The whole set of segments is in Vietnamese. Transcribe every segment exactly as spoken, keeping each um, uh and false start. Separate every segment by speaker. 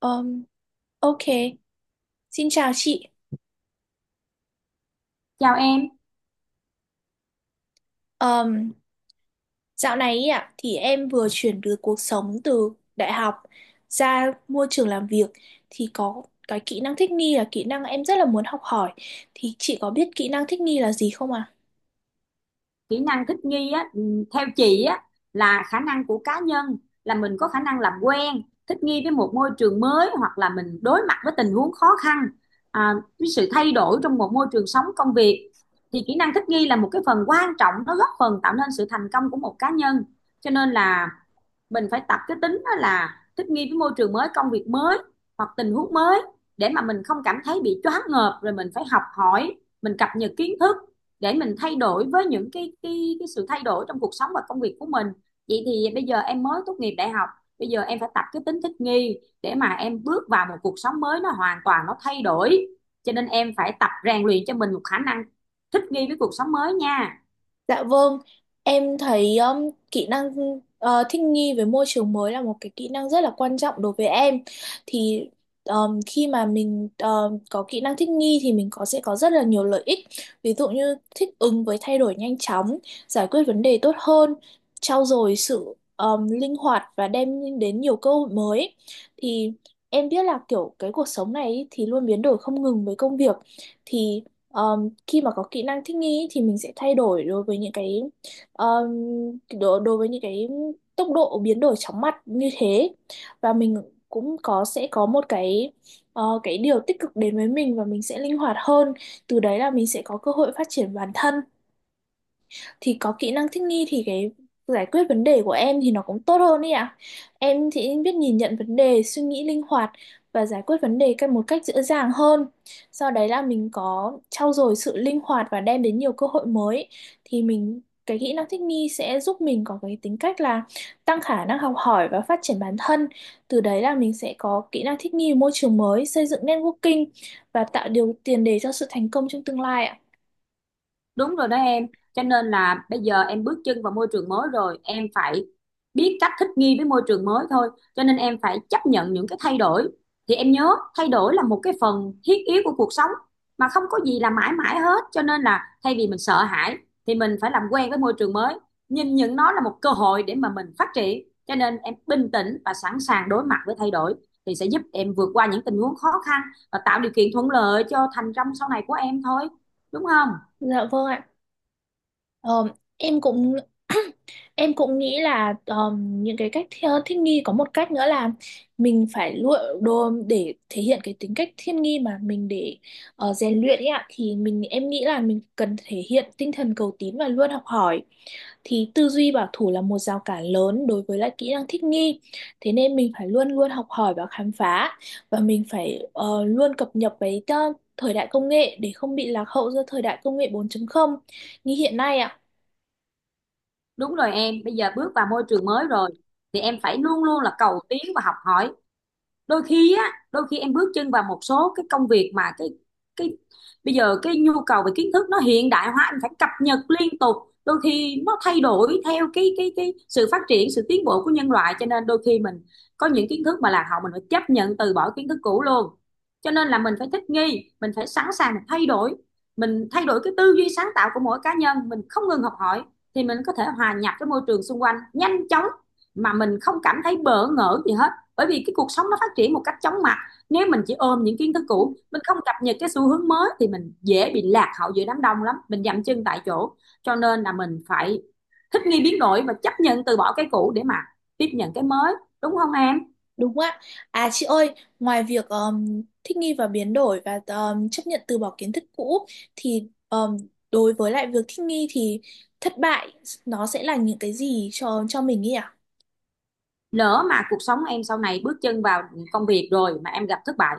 Speaker 1: Um, ok, Xin chào chị.
Speaker 2: Chào em.
Speaker 1: Um, Dạo này ý ạ thì em vừa chuyển được cuộc sống từ đại học ra môi trường làm việc thì có cái kỹ năng thích nghi là kỹ năng em rất là muốn học hỏi. Thì chị có biết kỹ năng thích nghi là gì không ạ?
Speaker 2: Kỹ năng thích nghi á, ừm, theo chị á, là khả năng của cá nhân, là mình có khả năng làm quen, thích nghi với một môi trường mới, hoặc là mình đối mặt với tình huống khó khăn, à, với sự thay đổi trong một môi trường sống công việc. Thì kỹ năng thích nghi là một cái phần quan trọng, nó góp phần tạo nên sự thành công của một cá nhân. Cho nên là mình phải tập cái tính đó, là thích nghi với môi trường mới, công việc mới hoặc tình huống mới, để mà mình không cảm thấy bị choáng ngợp, rồi mình phải học hỏi, mình cập nhật kiến thức để mình thay đổi với những cái cái cái sự thay đổi trong cuộc sống và công việc của mình. Vậy thì bây giờ em mới tốt nghiệp đại học, bây giờ em phải tập cái tính thích nghi để mà em bước vào một cuộc sống mới, nó hoàn toàn nó thay đổi, cho nên em phải tập rèn luyện cho mình một khả năng thích nghi với cuộc sống mới nha.
Speaker 1: Dạ vâng, em thấy um, kỹ năng ờ, thích nghi với môi trường mới là một cái kỹ năng rất là quan trọng đối với em. Thì um, khi mà mình um, có kỹ năng thích nghi thì mình có sẽ có rất là nhiều lợi ích. Ví dụ như thích ứng với thay đổi nhanh chóng, giải quyết vấn đề tốt hơn, trau dồi sự um, linh hoạt và đem đến nhiều cơ hội mới. Thì em biết là kiểu cái cuộc sống này ý thì luôn biến đổi không ngừng với công việc. Thì ờ, khi mà có kỹ năng thích nghi thì mình sẽ thay đổi đối với những cái um, đối, đối với những cái tốc độ biến đổi chóng mặt như thế và mình cũng có sẽ có một cái ờ, cái điều tích cực đến với mình và mình sẽ linh hoạt hơn, từ đấy là mình sẽ có cơ hội phát triển bản thân. Thì có kỹ năng thích nghi thì cái giải quyết vấn đề của em thì nó cũng tốt hơn ý ạ. Em thì biết nhìn nhận vấn đề, suy nghĩ linh hoạt và giải quyết vấn đề cách một cách dễ dàng hơn. Sau đấy là mình có trau dồi sự linh hoạt và đem đến nhiều cơ hội mới thì mình cái kỹ năng thích nghi sẽ giúp mình có cái tính cách là tăng khả năng học hỏi và phát triển bản thân. Từ đấy là mình sẽ có kỹ năng thích nghi với môi trường mới, xây dựng networking và tạo điều tiền đề cho sự thành công trong tương lai ạ.
Speaker 2: Đúng rồi đó em, cho nên là bây giờ em bước chân vào môi trường mới rồi, em phải biết cách thích nghi với môi trường mới thôi, cho nên em phải chấp nhận những cái thay đổi. Thì em nhớ, thay đổi là một cái phần thiết yếu của cuộc sống, mà không có gì là mãi mãi hết, cho nên là thay vì mình sợ hãi thì mình phải làm quen với môi trường mới, nhìn nhận nó là một cơ hội để mà mình phát triển. Cho nên em bình tĩnh và sẵn sàng đối mặt với thay đổi thì sẽ giúp em vượt qua những tình huống khó khăn và tạo điều kiện thuận lợi cho thành công sau này của em thôi, đúng không?
Speaker 1: Dạ vâng ạ. Ờ, em cũng em cũng nghĩ là ờm, những cái cách thi- thích nghi có một cách nữa là mình phải lựa đồ để thể hiện cái tính cách thiên nghi mà mình, để ờ, rèn luyện ấy ạ, thì mình em nghĩ là mình cần thể hiện tinh thần cầu tín và luôn học hỏi. Thì tư duy bảo thủ là một rào cản lớn đối với lại kỹ năng thích nghi, thế nên mình phải luôn luôn học hỏi và khám phá và mình phải ờ, luôn cập nhật với ờ, thời đại công nghệ để không bị lạc hậu do thời đại công nghệ bốn chấm không như hiện nay ạ.
Speaker 2: Đúng rồi em, bây giờ bước vào môi trường mới rồi thì em phải luôn luôn là cầu tiến và học hỏi. đôi khi á Đôi khi em bước chân vào một số cái công việc mà cái cái bây giờ cái nhu cầu về kiến thức nó hiện đại hóa, anh phải cập nhật liên tục. Đôi khi nó thay đổi theo cái cái cái sự phát triển, sự tiến bộ của nhân loại, cho nên đôi khi mình có những kiến thức mà lạc hậu, mình phải chấp nhận từ bỏ kiến thức cũ luôn. Cho nên là mình phải thích nghi, mình phải sẵn sàng, mình thay đổi mình thay đổi cái tư duy sáng tạo của mỗi cá nhân, mình không ngừng học hỏi thì mình có thể hòa nhập với môi trường xung quanh nhanh chóng, mà mình không cảm thấy bỡ ngỡ gì hết. Bởi vì cái cuộc sống nó phát triển một cách chóng mặt, nếu mình chỉ ôm những kiến thức
Speaker 1: Ừ,
Speaker 2: cũ, mình không cập nhật cái xu hướng mới thì mình dễ bị lạc hậu giữa đám đông lắm, mình dậm chân tại chỗ. Cho nên là mình phải thích nghi, biến đổi và chấp nhận từ bỏ cái cũ để mà tiếp nhận cái mới, đúng không em?
Speaker 1: đúng ạ. À chị ơi, ngoài việc um, thích nghi và biến đổi và um, chấp nhận từ bỏ kiến thức cũ thì um, đối với lại việc thích nghi thì thất bại nó sẽ là những cái gì cho cho mình nhỉ?
Speaker 2: Lỡ mà cuộc sống em sau này bước chân vào công việc rồi mà em gặp thất bại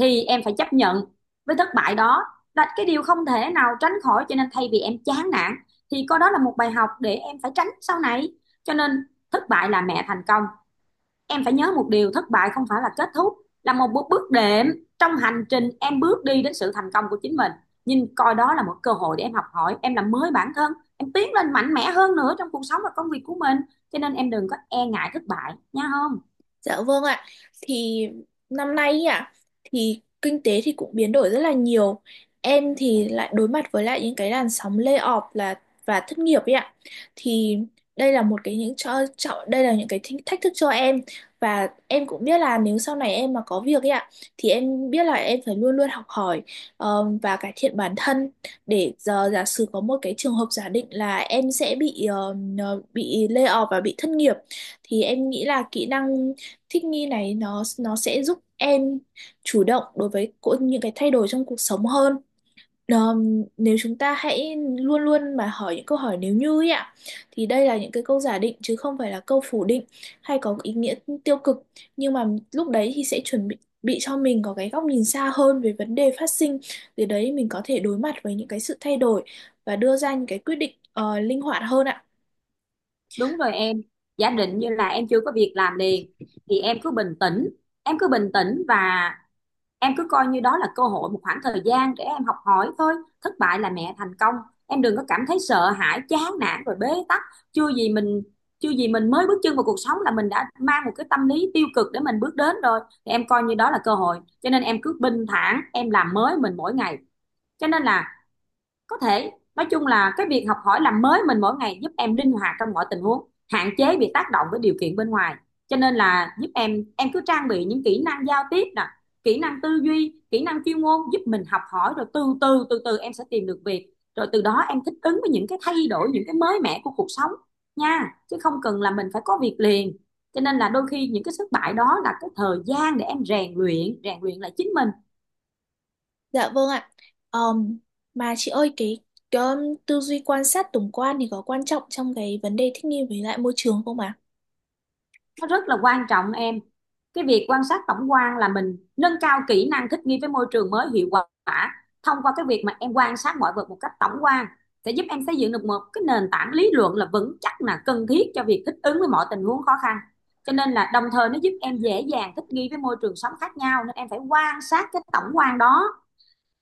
Speaker 2: thì em phải chấp nhận với thất bại đó, là cái điều không thể nào tránh khỏi, cho nên thay vì em chán nản thì coi đó là một bài học để em phải tránh sau này. Cho nên thất bại là mẹ thành công, em phải nhớ một điều, thất bại không phải là kết thúc, là một bước đệm trong hành trình em bước đi đến sự thành công của chính mình. Nhìn coi đó là một cơ hội để em học hỏi, em làm mới bản thân, em tiến lên mạnh mẽ hơn nữa trong cuộc sống và công việc của mình, cho nên em đừng có e ngại thất bại nha, không?
Speaker 1: Dạ vâng ạ. Thì năm nay ý ạ thì kinh tế thì cũng biến đổi rất là nhiều. Em thì lại đối mặt với lại những cái làn sóng layoff là và thất nghiệp ấy ạ. Thì đây là một cái những cho, cho đây là những cái thách thách thức cho em và em cũng biết là nếu sau này em mà có việc ấy ạ thì em biết là em phải luôn luôn học hỏi ờ, và cải thiện bản thân, để giờ giả sử có một cái trường hợp giả định là em sẽ bị ờ, bị layoff và bị thất nghiệp thì em nghĩ là kỹ năng thích nghi này nó nó sẽ giúp em chủ động đối với cô- những cái thay đổi trong cuộc sống hơn. Ờm, nếu chúng ta hãy luôn luôn mà hỏi những câu hỏi nếu như ấy ạ, thì đây là những cái câu giả định chứ không phải là câu phủ định hay có ý nghĩa tiêu cực, nhưng mà lúc đấy thì sẽ chuẩn bị bị cho mình có cái góc nhìn xa hơn về vấn đề phát sinh, từ đấy mình có thể đối mặt với những cái sự thay đổi và đưa ra những cái quyết định ờ, linh hoạt hơn ạ.
Speaker 2: Đúng rồi em, giả định như là em chưa có việc làm liền thì em cứ bình tĩnh em cứ bình tĩnh và em cứ coi như đó là cơ hội, một khoảng thời gian để em học hỏi thôi. Thất bại là mẹ thành công, em đừng có cảm thấy sợ hãi, chán nản rồi bế tắc. Chưa gì mình chưa gì mình mới bước chân vào cuộc sống là mình đã mang một cái tâm lý tiêu cực để mình bước đến rồi. Thì em coi như đó là cơ hội, cho nên em cứ bình thản, em làm mới mình mỗi ngày. Cho nên là, có thể nói chung là cái việc học hỏi làm mới mình mỗi ngày giúp em linh hoạt trong mọi tình huống, hạn chế bị tác động với điều kiện bên ngoài. Cho nên là giúp em em cứ trang bị những kỹ năng giao tiếp nè, kỹ năng tư duy, kỹ năng chuyên môn, giúp mình học hỏi, rồi từ từ từ từ em sẽ tìm được việc, rồi từ đó em thích ứng với những cái thay đổi, những cái mới mẻ của cuộc sống nha, chứ không cần là mình phải có việc liền. Cho nên là đôi khi những cái thất bại đó là cái thời gian để em rèn luyện rèn luyện lại chính mình.
Speaker 1: Dạ vâng ạ. Ờm, mà chị ơi cái, cái um, tư duy quan sát tổng quan thì có quan trọng trong cái vấn đề thích nghi với lại môi trường không ạ?
Speaker 2: Nó rất là quan trọng em, cái việc quan sát tổng quan là mình nâng cao kỹ năng thích nghi với môi trường mới hiệu quả. Thông qua cái việc mà em quan sát mọi vật một cách tổng quan sẽ giúp em xây dựng được một cái nền tảng lý luận là vững chắc, là cần thiết cho việc thích ứng với mọi tình huống khó khăn. Cho nên là đồng thời nó giúp em dễ dàng thích nghi với môi trường sống khác nhau, nên em phải quan sát cái tổng quan đó,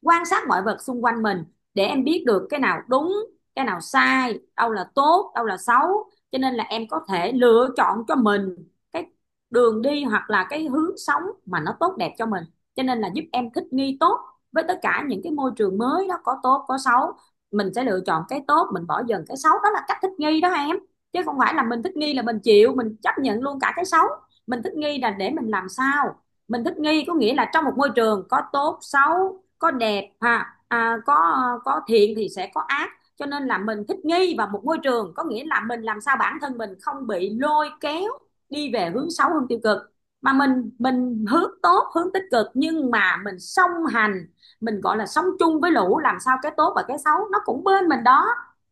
Speaker 2: quan sát mọi vật xung quanh mình để em biết được cái nào đúng, cái nào sai, đâu là tốt, đâu là xấu, cho nên là em có thể lựa chọn cho mình cái đường đi, hoặc là cái hướng sống mà nó tốt đẹp cho mình. Cho nên là giúp em thích nghi tốt với tất cả những cái môi trường mới đó, có tốt có xấu, mình sẽ lựa chọn cái tốt, mình bỏ dần cái xấu, đó là cách thích nghi đó em. Chứ không phải là mình thích nghi là mình chịu, mình chấp nhận luôn cả cái xấu. Mình thích nghi là để mình làm sao, mình thích nghi có nghĩa là trong một môi trường có tốt xấu, có đẹp ha, à, có có thiện thì sẽ có ác, cho nên là mình thích nghi vào một môi trường có nghĩa là mình làm sao bản thân mình không bị lôi kéo đi về hướng xấu, hướng tiêu cực, mà mình mình hướng tốt, hướng tích cực, nhưng mà mình song hành, mình gọi là sống chung với lũ, làm sao cái tốt và cái xấu nó cũng bên mình đó,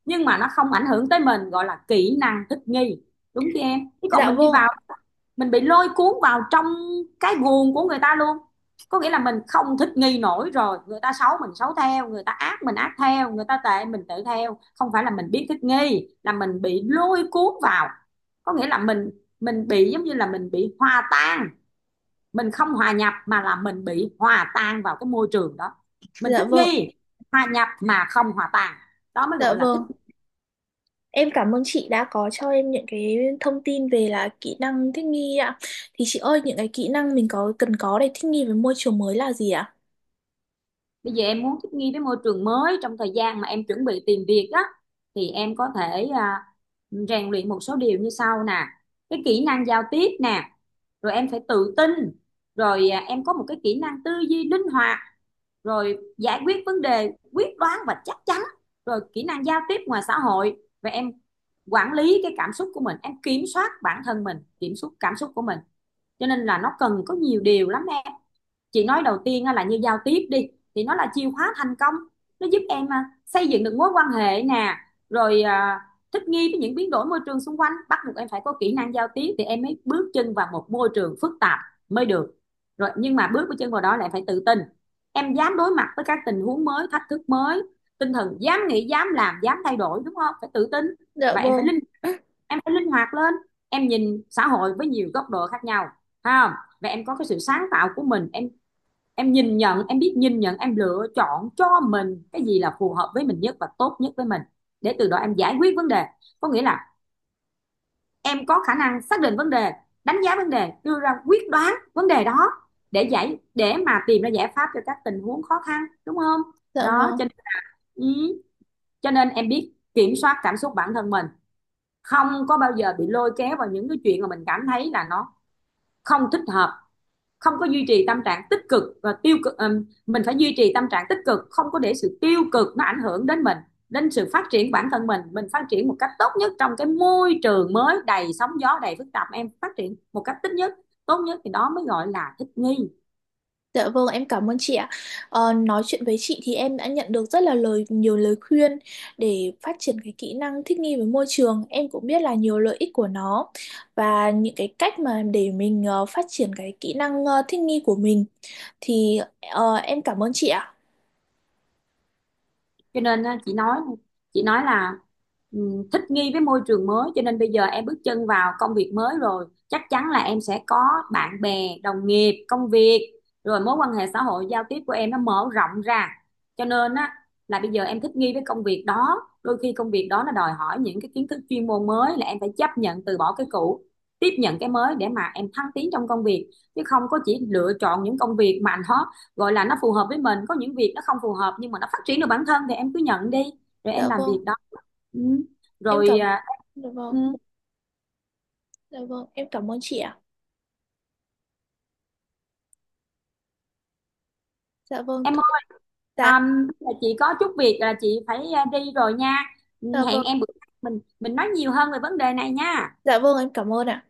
Speaker 2: nhưng mà nó không ảnh hưởng tới mình, gọi là kỹ năng thích nghi, đúng chứ em? Chứ còn
Speaker 1: Dạ
Speaker 2: mình đi
Speaker 1: vâng ạ.
Speaker 2: vào, mình bị lôi cuốn vào trong cái guồng của người ta luôn, có nghĩa là mình không thích nghi nổi rồi, người ta xấu mình xấu theo, người ta ác mình ác theo, người ta tệ mình tệ theo, không phải là mình biết thích nghi, là mình bị lôi cuốn vào, có nghĩa là mình mình bị giống như là mình bị hòa tan, mình không hòa nhập, mà là mình bị hòa tan vào cái môi trường đó. Mình
Speaker 1: Dạ
Speaker 2: thích
Speaker 1: vâng.
Speaker 2: nghi, hòa nhập mà không hòa tan, đó mới
Speaker 1: Dạ
Speaker 2: gọi là thích.
Speaker 1: vâng. Em cảm ơn chị đã có cho em những cái thông tin về là kỹ năng thích nghi ạ. Thì chị ơi, những cái kỹ năng mình có cần có để thích nghi với môi trường mới là gì ạ?
Speaker 2: Bây giờ em muốn thích nghi với môi trường mới trong thời gian mà em chuẩn bị tìm việc á, thì em có thể à, rèn luyện một số điều như sau nè. Cái kỹ năng giao tiếp nè, rồi em phải tự tin, rồi à, em có một cái kỹ năng tư duy linh hoạt, rồi giải quyết vấn đề quyết đoán và chắc chắn, rồi kỹ năng giao tiếp ngoài xã hội, và em quản lý cái cảm xúc của mình, em kiểm soát bản thân mình, kiểm soát cảm xúc của mình. Cho nên là nó cần có nhiều điều lắm. Chị nói đầu tiên là như giao tiếp đi, thì nó là chìa khóa thành công, nó giúp em à, xây dựng được mối quan hệ nè, rồi à, thích nghi với những biến đổi môi trường xung quanh, bắt buộc em phải có kỹ năng giao tiếp thì em mới bước chân vào một môi trường phức tạp mới được. Rồi nhưng mà bước chân vào đó lại phải tự tin, em dám đối mặt với các tình huống mới, thách thức mới, tinh thần dám nghĩ, dám làm, dám thay đổi, đúng không, phải tự tin.
Speaker 1: Dạ
Speaker 2: Và em phải
Speaker 1: vâng.
Speaker 2: linh em phải linh hoạt lên, em nhìn xã hội với nhiều góc độ khác nhau ha, và em có cái sự sáng tạo của mình. em em nhìn nhận, em biết nhìn nhận, em lựa chọn cho mình cái gì là phù hợp với mình nhất và tốt nhất với mình, để từ đó em giải quyết vấn đề, có nghĩa là em có khả năng xác định vấn đề, đánh giá vấn đề, đưa ra quyết đoán vấn đề đó, để giải, để mà tìm ra giải pháp cho các tình huống khó khăn, đúng không?
Speaker 1: Dạ
Speaker 2: Đó,
Speaker 1: vâng.
Speaker 2: cho nên, ừ, cho nên em biết kiểm soát cảm xúc bản thân mình, không có bao giờ bị lôi kéo vào những cái chuyện mà mình cảm thấy là nó không thích hợp, không có duy trì tâm trạng tích cực và tiêu cực. Ừm, mình phải duy trì tâm trạng tích cực, không có để sự tiêu cực nó ảnh hưởng đến mình, đến sự phát triển bản thân mình. Mình phát triển một cách tốt nhất trong cái môi trường mới đầy sóng gió, đầy phức tạp, em phát triển một cách tích nhất, tốt nhất, thì đó mới gọi là thích nghi.
Speaker 1: Dạ vâng, em cảm ơn chị ạ. Ờ, nói chuyện với chị thì em đã nhận được rất là lời nhiều lời khuyên để phát triển cái kỹ năng thích nghi với môi trường. Em cũng biết là nhiều lợi ích của nó và những cái cách mà để mình ờ, phát triển cái kỹ năng ờ, thích nghi của mình thì ờ, em cảm ơn chị ạ.
Speaker 2: Cho nên á, chị nói chị nói là, ừm, thích nghi với môi trường mới, cho nên bây giờ em bước chân vào công việc mới rồi, chắc chắn là em sẽ có bạn bè, đồng nghiệp, công việc, rồi mối quan hệ xã hội, giao tiếp của em nó mở rộng ra. Cho nên á, là bây giờ em thích nghi với công việc đó, đôi khi công việc đó nó đòi hỏi những cái kiến thức chuyên môn mới, là em phải chấp nhận từ bỏ cái cũ, tiếp nhận cái mới để mà em thăng tiến trong công việc. Chứ không có chỉ lựa chọn những công việc mà nó gọi là nó phù hợp với mình, có những việc nó không phù hợp nhưng mà nó phát triển được bản thân thì em cứ nhận đi, rồi
Speaker 1: Dạ
Speaker 2: em làm
Speaker 1: vâng,
Speaker 2: việc đó. Ừ.
Speaker 1: em
Speaker 2: Rồi
Speaker 1: cảm
Speaker 2: à,
Speaker 1: Dạ vâng,
Speaker 2: ừ,
Speaker 1: dạ vâng, em cảm ơn chị ạ. Dạ vâng,
Speaker 2: em
Speaker 1: thôi.
Speaker 2: ơi, à,
Speaker 1: Dạ,
Speaker 2: là chị có chút việc, là chị phải à, đi rồi nha. Ừ,
Speaker 1: dạ
Speaker 2: hẹn
Speaker 1: vâng.
Speaker 2: em bữa khác mình mình nói nhiều hơn về vấn đề này nha.
Speaker 1: Dạ vâng, em cảm ơn ạ.